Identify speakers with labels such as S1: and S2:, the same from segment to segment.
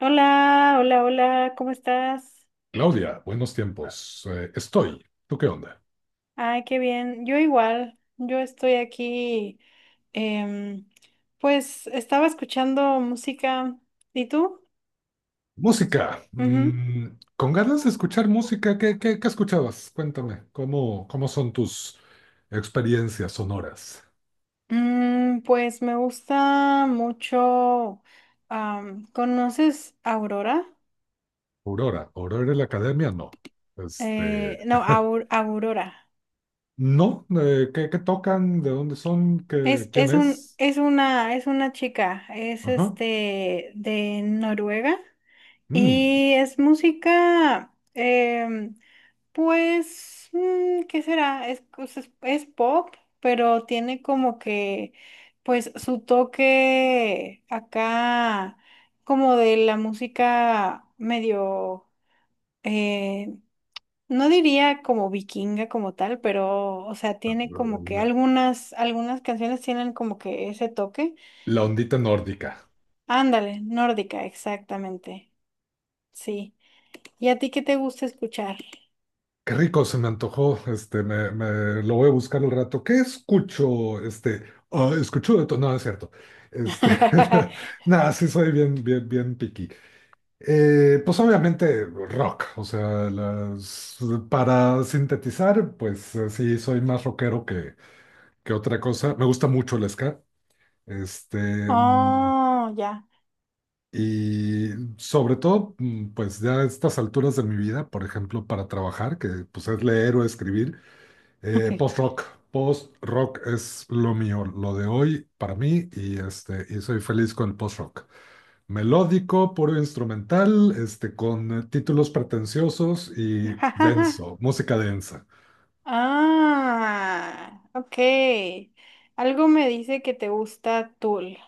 S1: Hola, hola, hola, ¿cómo estás?
S2: Claudia, buenos tiempos. Estoy. ¿Tú qué onda?
S1: Ay, qué bien. Yo igual, yo estoy aquí, em, pues estaba escuchando música. ¿Y tú?
S2: Música.
S1: Ujú.
S2: Con ganas de escuchar música, ¿ qué escuchabas? Cuéntame, cómo son tus experiencias sonoras?
S1: Pues me gusta mucho. ¿Conoces Aurora?
S2: Aurora, Aurora en la academia, no. Este,
S1: No, Aurora.
S2: no, ¿ qué tocan? ¿De dónde son? ¿ quién es?
S1: Es una chica, es
S2: Ajá.
S1: este de Noruega
S2: Mm,
S1: y es música. Pues, ¿qué será? Es pop, pero tiene como que, pues, su toque acá, como de la música medio, eh, no diría como vikinga como tal, pero, o sea, tiene como que algunas canciones tienen como que ese toque.
S2: la ondita nórdica.
S1: Ándale, nórdica, exactamente. Sí. ¿Y a ti qué te gusta escuchar?
S2: Qué rico, se me antojó. Este, lo voy a buscar al rato. ¿Qué escucho? Escucho de todo. No, no es cierto. Este, nada, sí soy bien, bien, bien picky. Pues obviamente rock, o sea, las, para sintetizar, pues sí, soy más rockero que otra cosa. Me gusta mucho el ska. Este, mm,
S1: Oh, ya.
S2: y sobre todo, pues ya a estas alturas de mi vida, por ejemplo, para trabajar, que pues es leer o escribir. Post-rock. Post-rock es lo mío, lo de hoy para mí y, este, y soy feliz con el post-rock. Melódico, puro instrumental, este, con títulos pretenciosos y denso, música densa.
S1: Ah, ok. Algo me dice que te gusta Tool.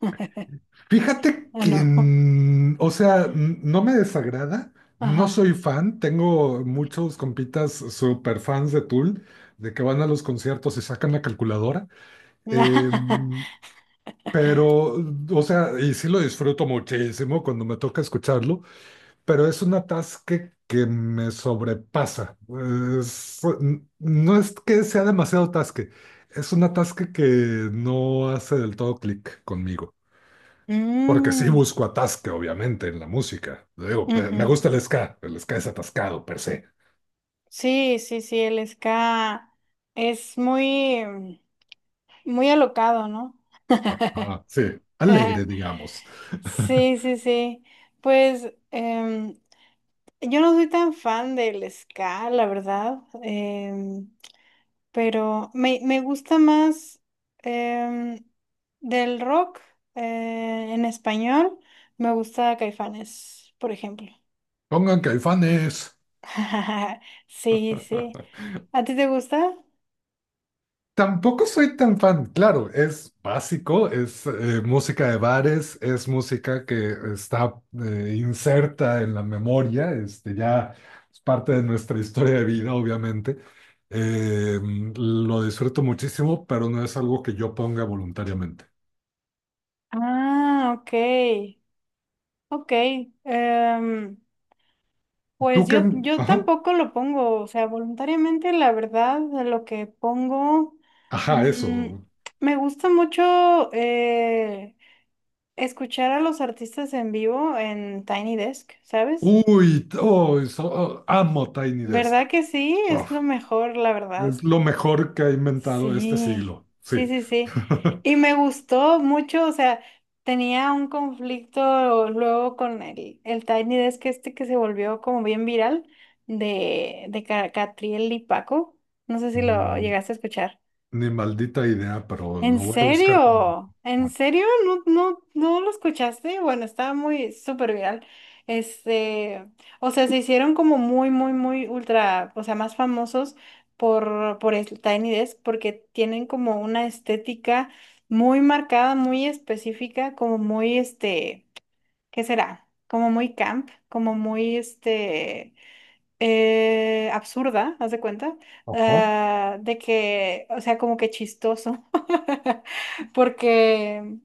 S2: Fíjate
S1: Ah,
S2: que,
S1: no.
S2: o sea, no me desagrada, no
S1: Ajá.
S2: soy fan, tengo muchos compitas super fans de Tool, de que van a los conciertos y sacan la calculadora. Em, Pero, o sea, y sí lo disfruto muchísimo cuando me toca escucharlo, pero es un atasque que me sobrepasa. Es- no es que sea demasiado atasque, es un atasque que no hace del todo clic conmigo. Porque sí
S1: Mm,
S2: busco atasque, obviamente, en la música. Digo, me
S1: ujú.
S2: gusta el ska es atascado per se.
S1: Sí, sí, sí, el ska es muy, muy alocado, ¿no?
S2: Ajá, sí, alegre, digamos.
S1: Sí, sí, sí. Pues yo no soy tan fan del ska, la verdad. Me gusta más em, del rock en español, me gusta Caifanes, por ejemplo.
S2: Pongan caifanes.
S1: Sí, sí. ¿A ti te gusta?
S2: Tampoco soy tan fan, claro, es básico, es música de bares, es música que está inserta en la memoria, este, ya es parte de nuestra historia de vida, obviamente. Eh, lo disfruto muchísimo, pero no es algo que yo ponga voluntariamente.
S1: Ah, ok, ok. Em,
S2: ¿Tú qué?
S1: yo
S2: Ajá,
S1: tampoco lo pongo, o sea, voluntariamente, la verdad, lo que pongo,
S2: ajá,
S1: mm,
S2: eso.
S1: me gusta mucho, escuchar a los artistas en vivo en Tiny Desk, ¿sabes?
S2: Oh, amo Tiny Desk.
S1: ¿Verdad que sí? Es lo
S2: Uf,
S1: mejor, la verdad.
S2: es lo mejor que ha inventado este
S1: Sí,
S2: siglo,
S1: sí,
S2: sí.
S1: sí, sí. Y me gustó mucho, o sea, tenía un conflicto luego con el Tiny Desk este que se volvió como bien viral de Catriel y Paco. No sé si lo
S2: Mm,
S1: llegaste a escuchar.
S2: Ni maldita idea, pero
S1: ¿En
S2: lo voy a buscar también.
S1: serio? ¿En serio? ¿ no lo escuchaste? Bueno, estaba muy súper viral. Este, o sea, se hicieron como muy, muy, muy ultra, o sea, más famosos por Tiny Desk porque tienen como una estética muy marcada, muy específica, como muy, este, ¿qué será? Como muy camp, como muy, este absurda, haz de cuenta,
S2: Ajá.
S1: ah, de que, o sea, como que chistoso, porque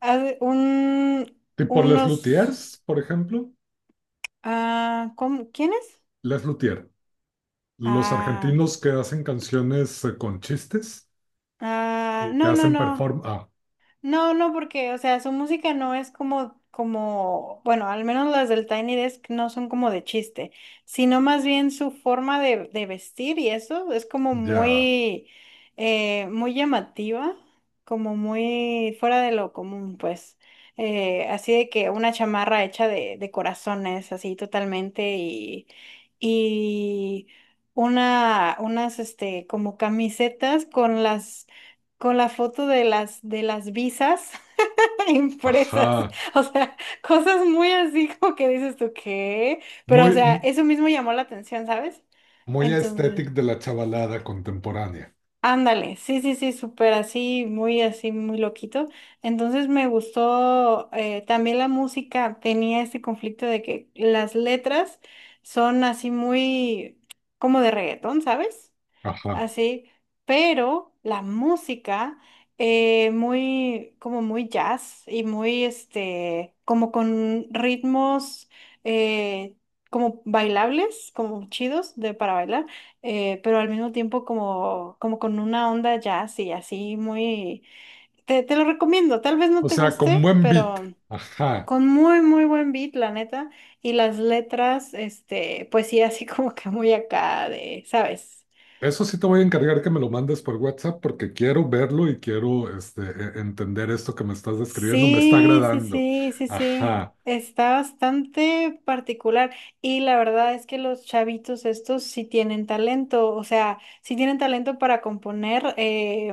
S1: haz de- un,
S2: Tipo Les
S1: unos,
S2: Luthiers, por ejemplo.
S1: ah, ¿cómo? ¿Quiénes?
S2: Les Luthier. Los
S1: Ah,
S2: argentinos que hacen canciones con chistes
S1: ah,
S2: y que
S1: no, no,
S2: hacen
S1: no.
S2: perform. Ah,
S1: No, no, porque, o sea, su música no es como, como, bueno, al menos las del Tiny Desk no son como de chiste, sino más bien su forma de vestir y eso es como
S2: ya.
S1: muy, muy llamativa, como muy fuera de lo común, pues. Así de que una chamarra hecha de corazones, así totalmente, y este, como camisetas con las con la foto de las visas impresas,
S2: Ajá.
S1: o sea, cosas muy así como que dices tú qué, pero o
S2: Muy,
S1: sea,
S2: m-
S1: eso mismo llamó la atención, ¿sabes?
S2: Muy
S1: Entonces,
S2: estético de la chavalada contemporánea.
S1: ándale, sí, sí, sí, súper así, muy loquito. Entonces me gustó también la música, tenía este conflicto de que las letras son así muy como de reggaetón, ¿sabes?
S2: Ajá.
S1: Así, pero la música como muy jazz y muy, este, como con ritmos eh, como bailables, como chidos de para bailar, pero al mismo tiempo como, como con una onda jazz y así muy, te lo recomiendo, tal vez no
S2: O
S1: te
S2: sea, con
S1: guste,
S2: buen beat.
S1: pero
S2: Ajá.
S1: con muy, muy buen beat, la neta, y las letras, este, pues sí, así como que muy acá de, ¿sabes?
S2: Eso sí te voy a encargar que me lo mandes por WhatsApp porque quiero verlo y quiero este, entender esto que me estás describiendo. Me está
S1: Sí, sí,
S2: agradando.
S1: sí, sí, sí.
S2: Ajá.
S1: Está bastante particular y la verdad es que los chavitos estos sí tienen talento, o sea, sí tienen talento para componer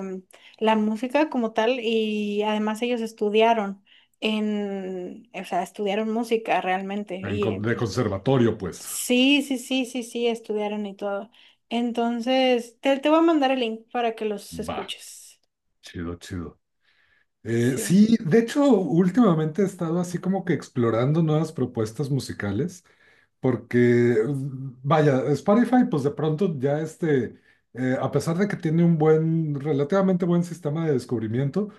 S1: la música como tal y además ellos estudiaron en, o sea, estudiaron música realmente y
S2: De conservatorio, pues.
S1: sí, sí, sí, sí, sí, estudiaron y todo. Entonces, te voy a mandar el link para que los
S2: Va,
S1: escuches.
S2: chido, chido.
S1: Sí.
S2: Sí, de hecho, últimamente he estado así como que explorando nuevas propuestas musicales, porque, vaya, Spotify, pues de pronto ya este, a pesar de que tiene un buen, relativamente buen sistema de descubrimiento,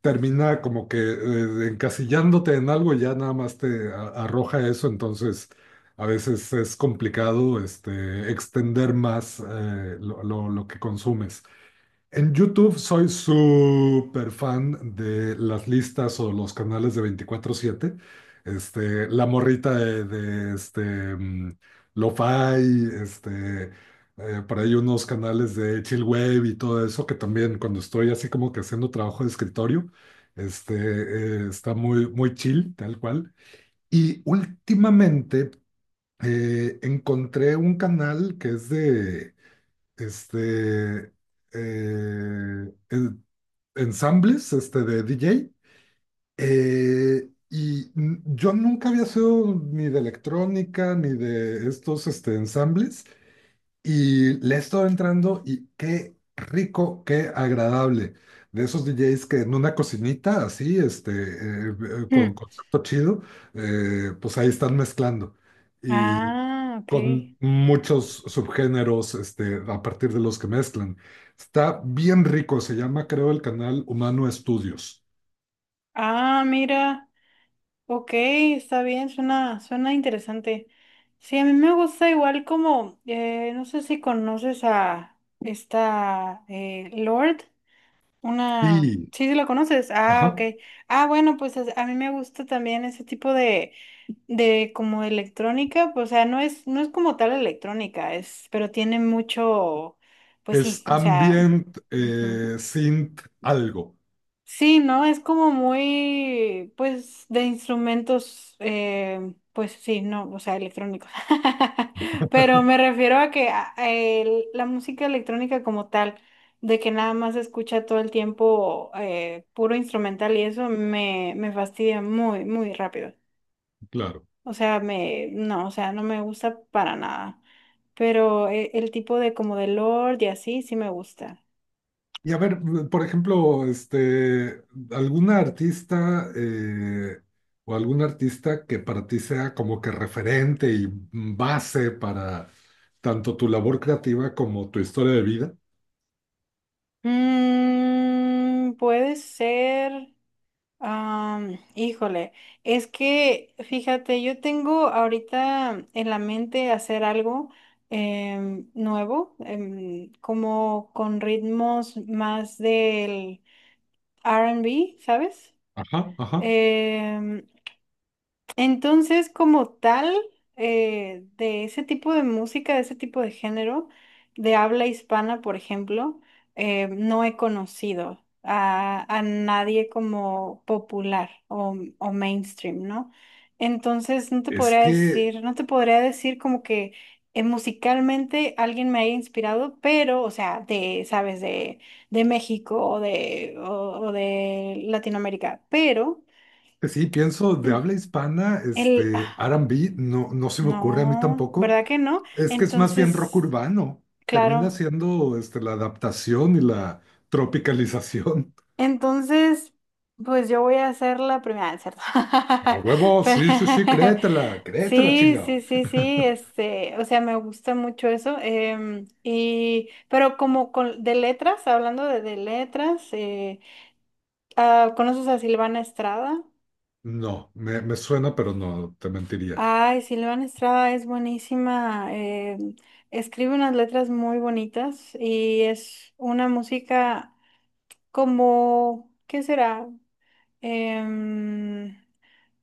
S2: termina como que encasillándote en algo y ya nada más te arroja eso, entonces a veces es complicado este, extender más lo que consumes. En YouTube soy súper fan de las listas o los canales de 24/7. Este, la morrita de, este, mm, Lo-Fi, este, por ahí unos canales de Chill Wave y todo eso, que también cuando estoy así como que haciendo trabajo de escritorio, este, está muy, muy chill, tal cual. Y últimamente encontré un canal que es de este, eh, en- ensambles este, de DJ. Yo nunca había sido ni de electrónica, ni de estos este, ensambles, y le he estado entrando y qué rico, qué agradable. De esos DJs que en una cocinita así, con
S1: Mm.
S2: concepto chido, pues ahí están mezclando. Y
S1: Ah, ok.
S2: con muchos subgéneros, este, a partir de los que mezclan. Está bien rico, se llama, creo, el canal Humano Estudios.
S1: Ah, mira, ok, está bien, suena, suena interesante. Sí, a mí me gusta igual como, no sé si conoces a esta Lord, una,
S2: Sí,
S1: sí, sí la conoces, ah,
S2: ajá.
S1: ok. Ah, bueno, a mí me gusta también ese tipo de como electrónica, pues, o sea, no es como tal electrónica, es, pero tiene mucho, pues
S2: Es
S1: sí, o sea,
S2: ambient,
S1: ujú.
S2: synth, algo,
S1: Sí, ¿no? Es como muy, pues, de instrumentos, pues sí, no, o sea, electrónicos. Pero me refiero a que la música electrónica como tal, de que nada más se escucha todo el tiempo puro instrumental y eso me fastidia muy, muy rápido.
S2: claro.
S1: O sea, no, o sea, no me gusta para nada. Pero el tipo de como de Lord y así, sí me gusta.
S2: Y a ver, por ejemplo, este, alguna artista o algún artista que para ti sea como que referente y base para tanto tu labor creativa como tu historia de vida.
S1: Mm, puede ser. Híjole, es que fíjate, yo tengo ahorita en la mente hacer algo nuevo, como con ritmos más del R&B, ¿sabes?
S2: Ajá, ajá.
S1: Em, entonces, como tal, de ese tipo de música, de ese tipo de género, de habla hispana, por ejemplo, no he conocido a nadie como popular o mainstream, ¿no? Entonces,
S2: Es que
S1: no te podría decir como que musicalmente alguien me haya inspirado, pero, o sea, de, sabes, de México o de Latinoamérica, pero...
S2: pues sí, pienso de habla hispana,
S1: El,
S2: este, R&B, no, no se me ocurre a mí
S1: no,
S2: tampoco.
S1: ¿verdad que no?
S2: Es que es más bien rock
S1: Entonces,
S2: urbano. Termina
S1: claro.
S2: siendo este, la adaptación y la tropicalización.
S1: Entonces, pues yo voy a hacer la primera, ah, es ¿cierto?
S2: A huevo, sí, sí, sí,
S1: Pero
S2: créetela, créetela,
S1: sí, sí,
S2: chingado.
S1: sí, sí, este, o sea, me gusta mucho eso. Y, pero como con, de letras, hablando de letras, ah, ¿conoces a Silvana Estrada?
S2: No, me suena, pero no, te mentiría.
S1: Ay, Silvana Estrada es buenísima. Escribe unas letras muy bonitas y es una música. Como, ¿qué será? Em,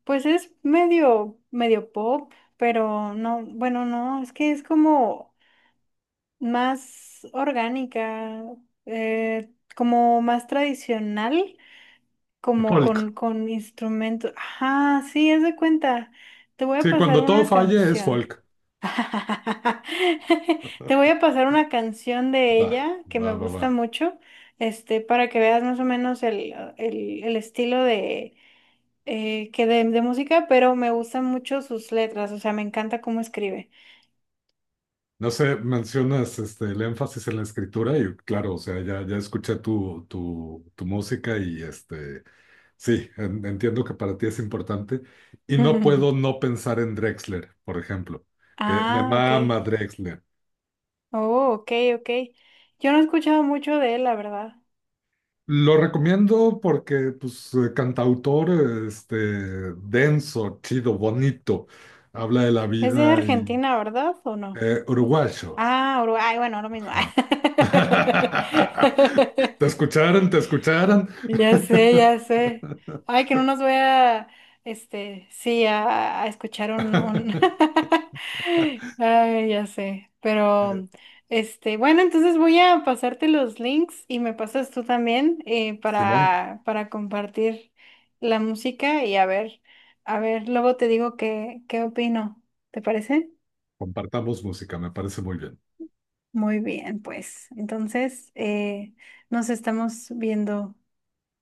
S1: pues es medio, medio pop, pero no, bueno, no, es que es como más orgánica, eh, como más tradicional, como
S2: Folk.
S1: con instrumentos. Ajá, sí, es de cuenta. Te voy a
S2: Sí,
S1: pasar
S2: cuando todo
S1: una
S2: falle es
S1: canción.
S2: folk.
S1: Te voy a pasar una canción de
S2: Va,
S1: ella que
S2: va,
S1: me
S2: va, va.
S1: gusta mucho, este, para que veas más o menos el estilo de, que de música, pero me gustan mucho sus letras, o sea, me encanta cómo escribe.
S2: No sé, mencionas este, el énfasis en la escritura y claro, o sea, ya escuché tu música y este, sí, entiendo que para ti es importante y no puedo no pensar en Drexler, por ejemplo, que me
S1: Ah, ok.
S2: mama Drexler.
S1: Oh, ok, ok. Yo no he escuchado mucho de él, la verdad.
S2: Lo recomiendo porque, pues, cantautor, este, denso, chido, bonito, habla de la
S1: Es de
S2: vida y
S1: Argentina, ¿verdad? ¿O no?
S2: uruguayo.
S1: Ah, Uruguay, bueno, lo mismo.
S2: Ajá. Te escucharon, te escucharon.
S1: Ya sé, ya sé. Ay, que no nos voy a, este, sí, a escuchar un... Ay, ya sé.
S2: Eh,
S1: Pero, este, bueno, entonces voy a pasarte los links y me pasas tú también
S2: Simón,
S1: para compartir la música y a ver, luego te digo qué, qué opino. ¿Te parece?
S2: compartamos música, me parece muy bien.
S1: Muy bien, pues. Entonces, nos estamos viendo.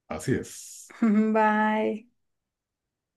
S2: Así es.
S1: Bye.